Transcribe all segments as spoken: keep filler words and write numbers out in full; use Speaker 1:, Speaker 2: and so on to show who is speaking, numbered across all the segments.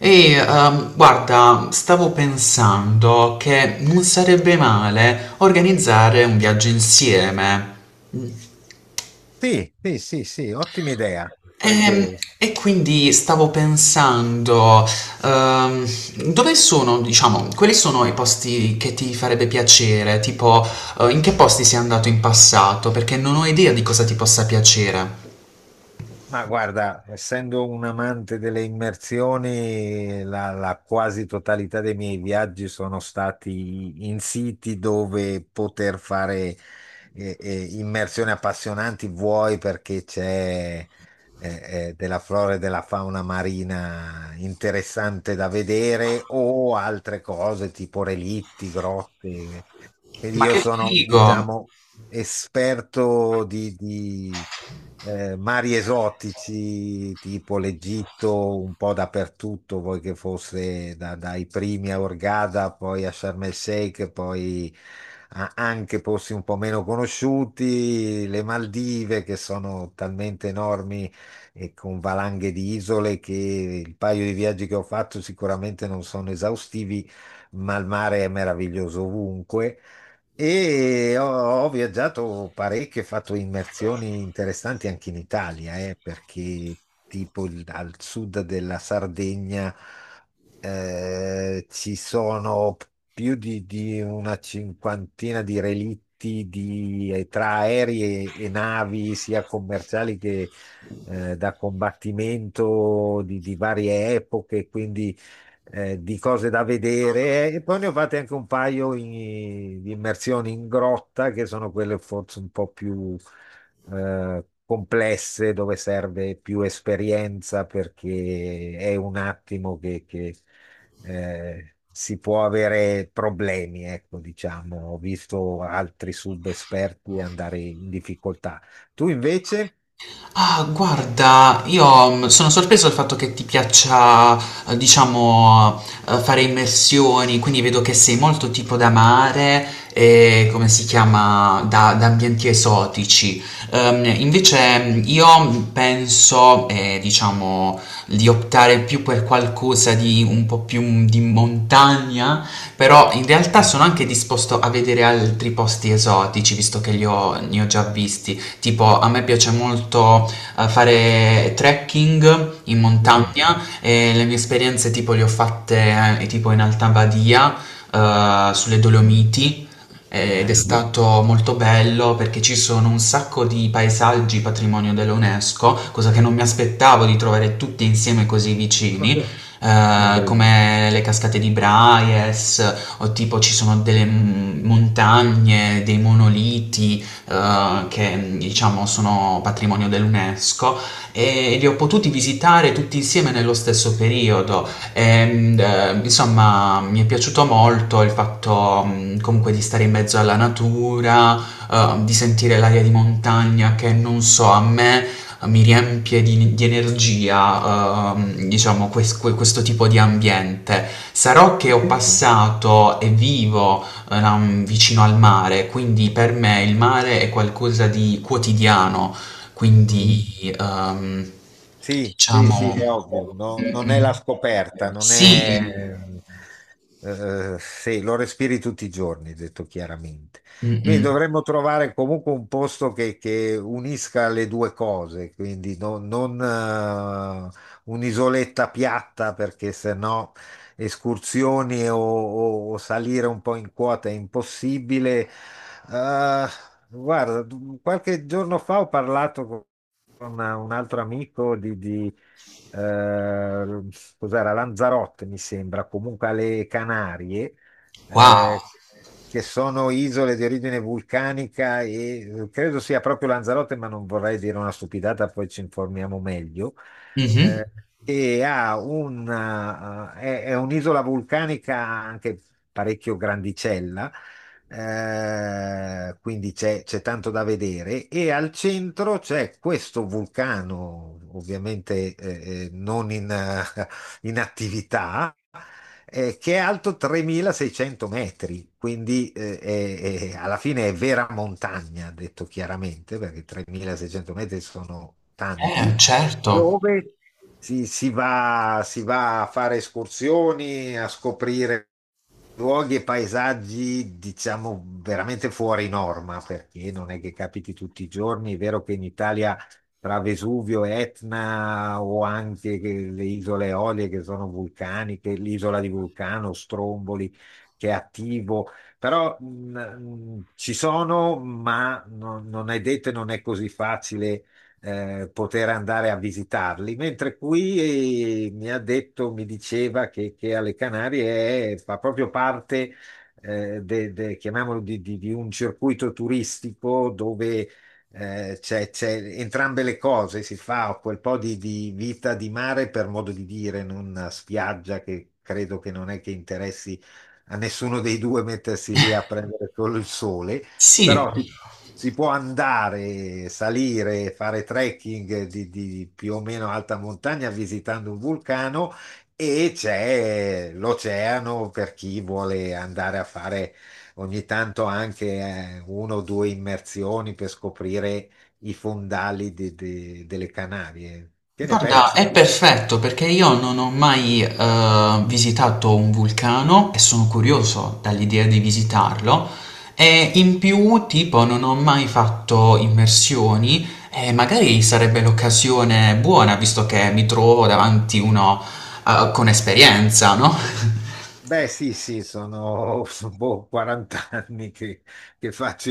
Speaker 1: Ehi, ehm, guarda, stavo pensando che non sarebbe male organizzare un viaggio insieme.
Speaker 2: Sì, sì, sì, sì, ottima idea. Sai
Speaker 1: E,
Speaker 2: che,
Speaker 1: e quindi stavo pensando, ehm, dove sono, diciamo, quali sono i posti che ti farebbe piacere? Tipo, eh, in che posti sei andato in passato? Perché non ho idea di cosa ti possa piacere.
Speaker 2: ma guarda, essendo un amante delle immersioni, la, la quasi totalità dei miei viaggi sono stati in siti dove poter fare eh, eh, immersioni appassionanti, vuoi perché c'è eh, eh, della flora e della fauna marina interessante da vedere, o altre cose tipo relitti, grotte. Quindi
Speaker 1: Ma
Speaker 2: io
Speaker 1: che
Speaker 2: sono,
Speaker 1: figo!
Speaker 2: diciamo, esperto di, di, eh, mari esotici, tipo l'Egitto, un po' dappertutto, poi che fosse da- dai primi a Hurghada, poi a Sharm el Sheikh, poi a- anche posti un po' meno conosciuti, le Maldive, che sono talmente enormi e con valanghe di isole che il paio di viaggi che ho fatto sicuramente non sono esaustivi, ma il mare è meraviglioso ovunque. E ho, ho viaggiato parecchio, ho fatto immersioni interessanti anche in Italia, eh, perché tipo il- al sud della Sardegna eh, ci sono più di, di una cinquantina di relitti di- eh, tra aerei e, e navi, sia commerciali che eh, da combattimento di, di varie epoche, quindi eh, di cose da vedere eh, e poi ne ho fatte anche un paio in- di immersioni in grotta che sono quelle forse un po' più eh, complesse dove serve più esperienza perché è un attimo che, che, eh, si può avere problemi, ecco, diciamo. Ho visto altri subesperti andare in difficoltà. Tu invece?
Speaker 1: Ah, guarda, io mm, sono sorpreso dal fatto che ti piaccia, eh, diciamo, eh, fare immersioni, quindi vedo che sei molto tipo da mare e come si chiama, da, da ambienti esotici. Ehm, invece mm, io mm, penso, eh, diciamo, di optare più per qualcosa di un po' più mm, di montagna, però in realtà sono anche disposto a vedere altri posti esotici, visto che li ho, ne ho già visti. Tipo, a me piace molto a fare trekking in
Speaker 2: Mm,
Speaker 1: montagna e le mie esperienze tipo le ho fatte eh, tipo in Alta Badia, eh, sulle Dolomiti eh, ed è
Speaker 2: bello.
Speaker 1: stato molto bello perché ci sono un sacco di paesaggi patrimonio dell'UNESCO, cosa che non mi aspettavo di trovare tutti insieme così vicini. Sì, eh, vero.
Speaker 2: Incredibile.
Speaker 1: Come le cascate di Braies, o tipo ci sono delle mm, montagne, dei monoliti, eh, che diciamo sono patrimonio dell'UNESCO e li ho potuti visitare tutti insieme nello stesso periodo. E, eh, insomma, mi è piaciuto molto il fatto mh, comunque di stare in mezzo alla natura, eh, di sentire l'aria di montagna che non so, a me eh, mi riempie di, di energia, ehm, diciamo, quest- que- questo tipo di ambiente. Sarò che ho passato e vivo ehm, vicino al mare, quindi per me il mare è qualcosa di quotidiano,
Speaker 2: Mm.
Speaker 1: quindi ehm,
Speaker 2: Sì, sì, sì,
Speaker 1: diciamo
Speaker 2: è ovvio, no? Non è la scoperta, non è.
Speaker 1: sì,
Speaker 2: Eh, sì, lo respiri tutti i giorni, detto chiaramente. Quindi
Speaker 1: mm-mm.
Speaker 2: dovremmo trovare comunque un posto che, che unisca le due cose, quindi no- non eh, un'isoletta piatta perché sennò escursioni o, o- o salire un po' in quota è impossibile. Eh, guarda, qualche giorno fa ho parlato con con un altro amico di, di, eh, cos'era, Lanzarote, mi sembra, comunque alle Canarie,
Speaker 1: Wow,
Speaker 2: eh, che sono isole di origine vulcanica e eh, credo sia proprio Lanzarote, ma non vorrei dire una stupidata, poi ci informiamo meglio.
Speaker 1: mhm.
Speaker 2: Eh, e ha una, eh, è, è un'isola vulcanica anche parecchio grandicella, eh, quindi c'è c'è tanto da vedere. E al centro c'è questo vulcano, ovviamente eh, eh, non in, eh, in attività, eh, che è alto tremilaseicento metri, quindi eh, è- è- alla fine è vera montagna, detto chiaramente, perché tremilaseicento metri sono
Speaker 1: Eh,
Speaker 2: tanti,
Speaker 1: certo,
Speaker 2: dove si, si va, si va a fare escursioni, a scoprire luoghi e paesaggi, diciamo, veramente fuori norma, perché non è che capiti tutti i giorni. È vero che in Italia tra Vesuvio, Etna o anche che- le isole Eolie che sono vulcaniche, l'isola di Vulcano, Stromboli che è attivo, però mh, mh, ci sono, ma non, non è detto e non è così facile eh, poter andare a visitarli, mentre qui eh, mi ha detto, mi diceva che, che alle Canarie è- fa proprio parte eh, de- de- chiamiamolo di, di- di un circuito turistico dove eh, c'è c'è entrambe le cose, si fa quel po' di, di vita di mare per modo di dire, in una spiaggia che credo che non è che interessi a nessuno dei due mettersi lì a prendere solo il sole,
Speaker 1: sì.
Speaker 2: però si, si può andare, salire, fare trekking di, di più o meno alta montagna visitando un vulcano e c'è l'oceano per chi vuole andare a fare ogni tanto anche eh, uno o due immersioni per scoprire i fondali di- di- delle Canarie. Che ne
Speaker 1: Guarda,
Speaker 2: pensi?
Speaker 1: è perfetto perché io non ho mai eh, visitato un vulcano e sono curioso dall'idea di visitarlo e in più, tipo, non ho mai fatto immersioni e magari sarebbe l'occasione buona visto che mi trovo davanti uno eh, con esperienza, no?
Speaker 2: Beh, sì, sì, sono sono, boh, quaranta anni che, che faccio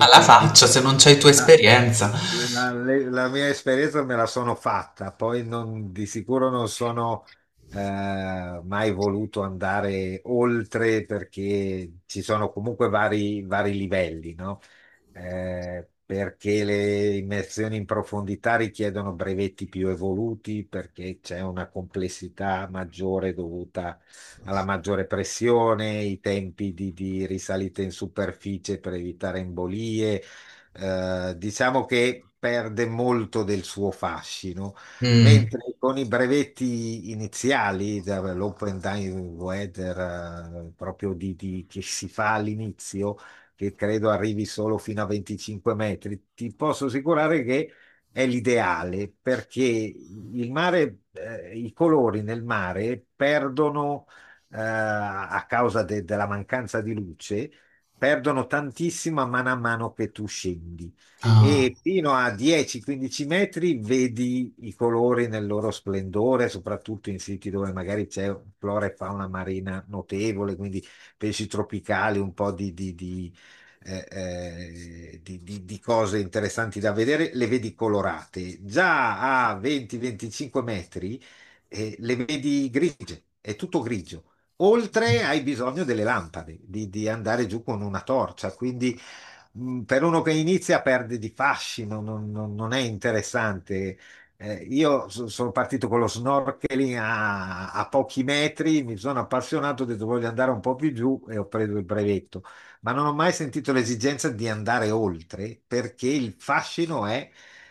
Speaker 1: Alla
Speaker 2: quindi
Speaker 1: faccia, se non c'hai tu
Speaker 2: la,
Speaker 1: esperienza.
Speaker 2: la- le- la mia esperienza me la sono fatta, poi non- di sicuro non sono eh, mai voluto andare oltre perché ci sono comunque vari, vari livelli, no? Eh, perché le immersioni in profondità richiedono brevetti più evoluti, perché c'è una complessità maggiore dovuta alla maggiore pressione, i tempi di, di risalita in superficie per evitare embolie. Eh, diciamo che perde molto del suo fascino,
Speaker 1: Mm,
Speaker 2: mentre con i brevetti iniziali, da- l'open diving weather, eh, proprio di- di- che si fa all'inizio, che credo arrivi solo fino a venticinque metri, ti posso assicurare che è l'ideale perché il mare, eh, i colori nel mare perdono eh, a causa de- della mancanza di luce, perdono tantissima mano a mano che tu scendi.
Speaker 1: ah.
Speaker 2: E fino a dieci quindici metri vedi i colori nel loro splendore, soprattutto in siti dove magari c'è flora e fauna marina notevole, quindi pesci tropicali, un po' di, di- di, eh, eh, di- di- di cose interessanti da vedere, le vedi colorate. Già a venti venticinque metri eh, le vedi grigie, è tutto grigio. Oltre hai bisogno delle lampade, di, di andare giù con una torcia, quindi mh, per uno che inizia perde di fascino, non, non- non è interessante. Eh, io so- sono partito con lo snorkeling a, a pochi metri, mi sono appassionato, ho detto voglio andare un po' più giù e ho preso il brevetto, ma non ho mai sentito l'esigenza di andare oltre perché il fascino è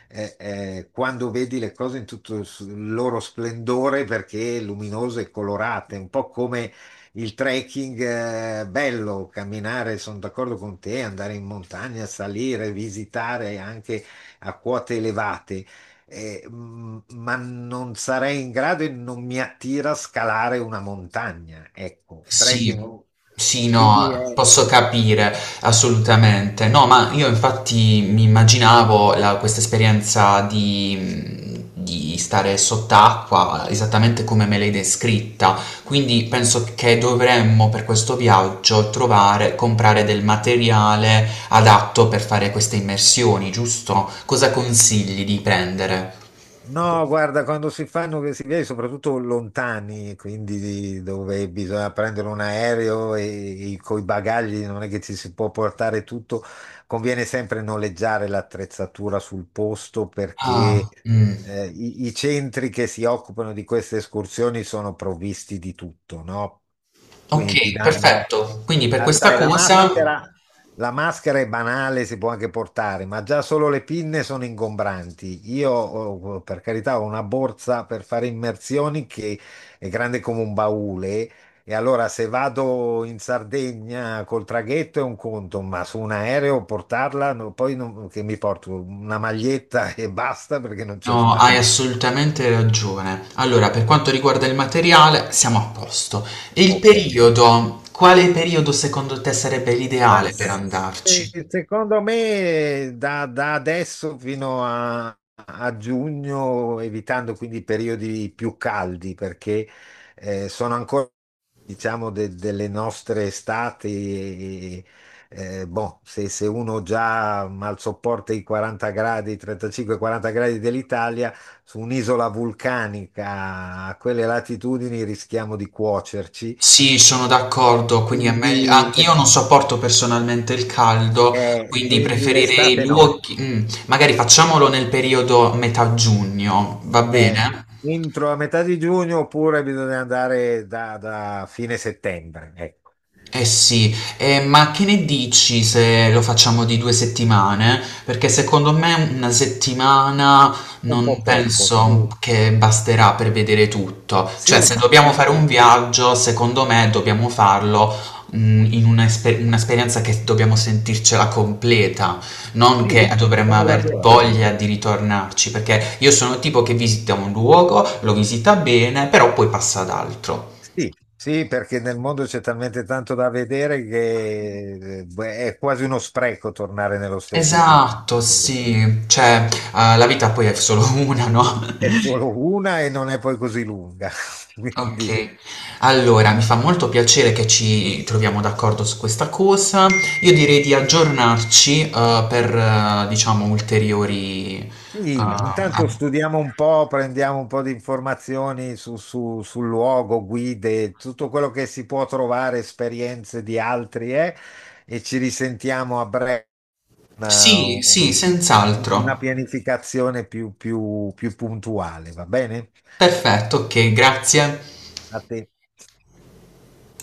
Speaker 2: eh, eh, quando vedi le cose in tutto il s- il loro splendore perché luminose e colorate, un po' come il trekking è bello, camminare, sono d'accordo con te, andare in montagna, salire, visitare anche a quote elevate, eh, m- ma non sarei in grado e non mi attira scalare una montagna, ecco,
Speaker 1: Sì,
Speaker 2: trekking.
Speaker 1: sì,
Speaker 2: Quindi
Speaker 1: no,
Speaker 2: è.
Speaker 1: posso capire assolutamente. No, ma io infatti mi immaginavo la- questa esperienza di, di stare sott'acqua esattamente come me l'hai descritta. Quindi penso che dovremmo per questo viaggio trovare, comprare del materiale adatto per fare queste immersioni, giusto? Cosa consigli di prendere?
Speaker 2: No, guarda, quando si fanno questi viaggi, soprattutto lontani, quindi dove bisogna prendere un aereo e, e con i bagagli non è che ci si può portare tutto, conviene sempre noleggiare l'attrezzatura sul posto perché
Speaker 1: Ah, mm,
Speaker 2: eh, i, i centri che si occupano di queste escursioni sono provvisti di tutto, no? Quindi ti
Speaker 1: ok,
Speaker 2: danno,
Speaker 1: perfetto. Quindi per
Speaker 2: ah,
Speaker 1: questa
Speaker 2: sai, la
Speaker 1: cosa.
Speaker 2: maschera. La maschera è banale, si può anche portare, ma già solo le pinne sono ingombranti. Io, oh, oh, per carità, ho una borsa per fare immersioni che è grande come un baule. E allora, se vado in Sardegna col traghetto è un conto, ma su un aereo portarla, no, poi non- che mi porto una maglietta e basta perché non c'è
Speaker 1: No, hai
Speaker 2: spazio.
Speaker 1: assolutamente ragione. Allora, per quanto riguarda il materiale, siamo a posto. E il
Speaker 2: Ok.
Speaker 1: periodo? Quale periodo secondo te sarebbe
Speaker 2: Ma
Speaker 1: l'ideale per
Speaker 2: se-
Speaker 1: andarci?
Speaker 2: secondo me da, da adesso fino a, a giugno, evitando quindi i periodi più caldi, perché eh, sono ancora, diciamo, de- delle nostre estati. eh, boh, se, se uno già mal sopporta i quaranta gradi, da trentacinque a quaranta gradi dell'Italia, su un'isola vulcanica a quelle latitudini rischiamo di cuocerci.
Speaker 1: Sì, sono d'accordo, quindi è meglio...
Speaker 2: Quindi
Speaker 1: ah,
Speaker 2: le-
Speaker 1: io non sopporto personalmente il caldo,
Speaker 2: Eh,
Speaker 1: quindi
Speaker 2: quindi
Speaker 1: preferirei
Speaker 2: l'estate no.
Speaker 1: luoghi... mm, magari facciamolo nel periodo metà giugno, va
Speaker 2: Eh,
Speaker 1: bene?
Speaker 2: entro a metà di giugno oppure bisogna andare da, da fine settembre. Ecco,
Speaker 1: Eh sì, eh, ma che ne dici se lo facciamo di due settimane? Perché secondo me una settimana
Speaker 2: un
Speaker 1: non
Speaker 2: po' poco. Sì,
Speaker 1: penso che basterà per vedere tutto. Cioè, se
Speaker 2: sì,
Speaker 1: dobbiamo
Speaker 2: sì,
Speaker 1: fare un
Speaker 2: sì,
Speaker 1: viaggio, secondo me dobbiamo farlo, mm, in una esper- un'esperienza che dobbiamo sentircela completa, non
Speaker 2: sì,
Speaker 1: che dovremmo
Speaker 2: sono
Speaker 1: aver
Speaker 2: d'accordo.
Speaker 1: voglia di ritornarci, perché io sono il tipo che visita un luogo, lo visita bene, però poi passa ad altro.
Speaker 2: Sì, sì, perché nel mondo c'è talmente tanto da vedere che eh, beh, è quasi uno spreco tornare nello stesso punto.
Speaker 1: Esatto,
Speaker 2: Ecco.
Speaker 1: sì, cioè, uhm, la vita poi è solo una, no?
Speaker 2: È solo una e non è poi così lunga. Quindi
Speaker 1: Okay, allora mi fa molto piacere che ci troviamo d'accordo su questa cosa. Io direi di aggiornarci, uhm, per eh, diciamo ulteriori, uhm,
Speaker 2: Sì,
Speaker 1: a
Speaker 2: intanto studiamo un po', prendiamo un po' di informazioni su- su- sul luogo, guide, tutto quello che si può trovare, esperienze di altri, eh, e ci risentiamo a breve una,
Speaker 1: sì, sì,
Speaker 2: un- una
Speaker 1: senz'altro.
Speaker 2: pianificazione più più- più puntuale, va bene?
Speaker 1: Perfetto, okay, grazie.
Speaker 2: A te.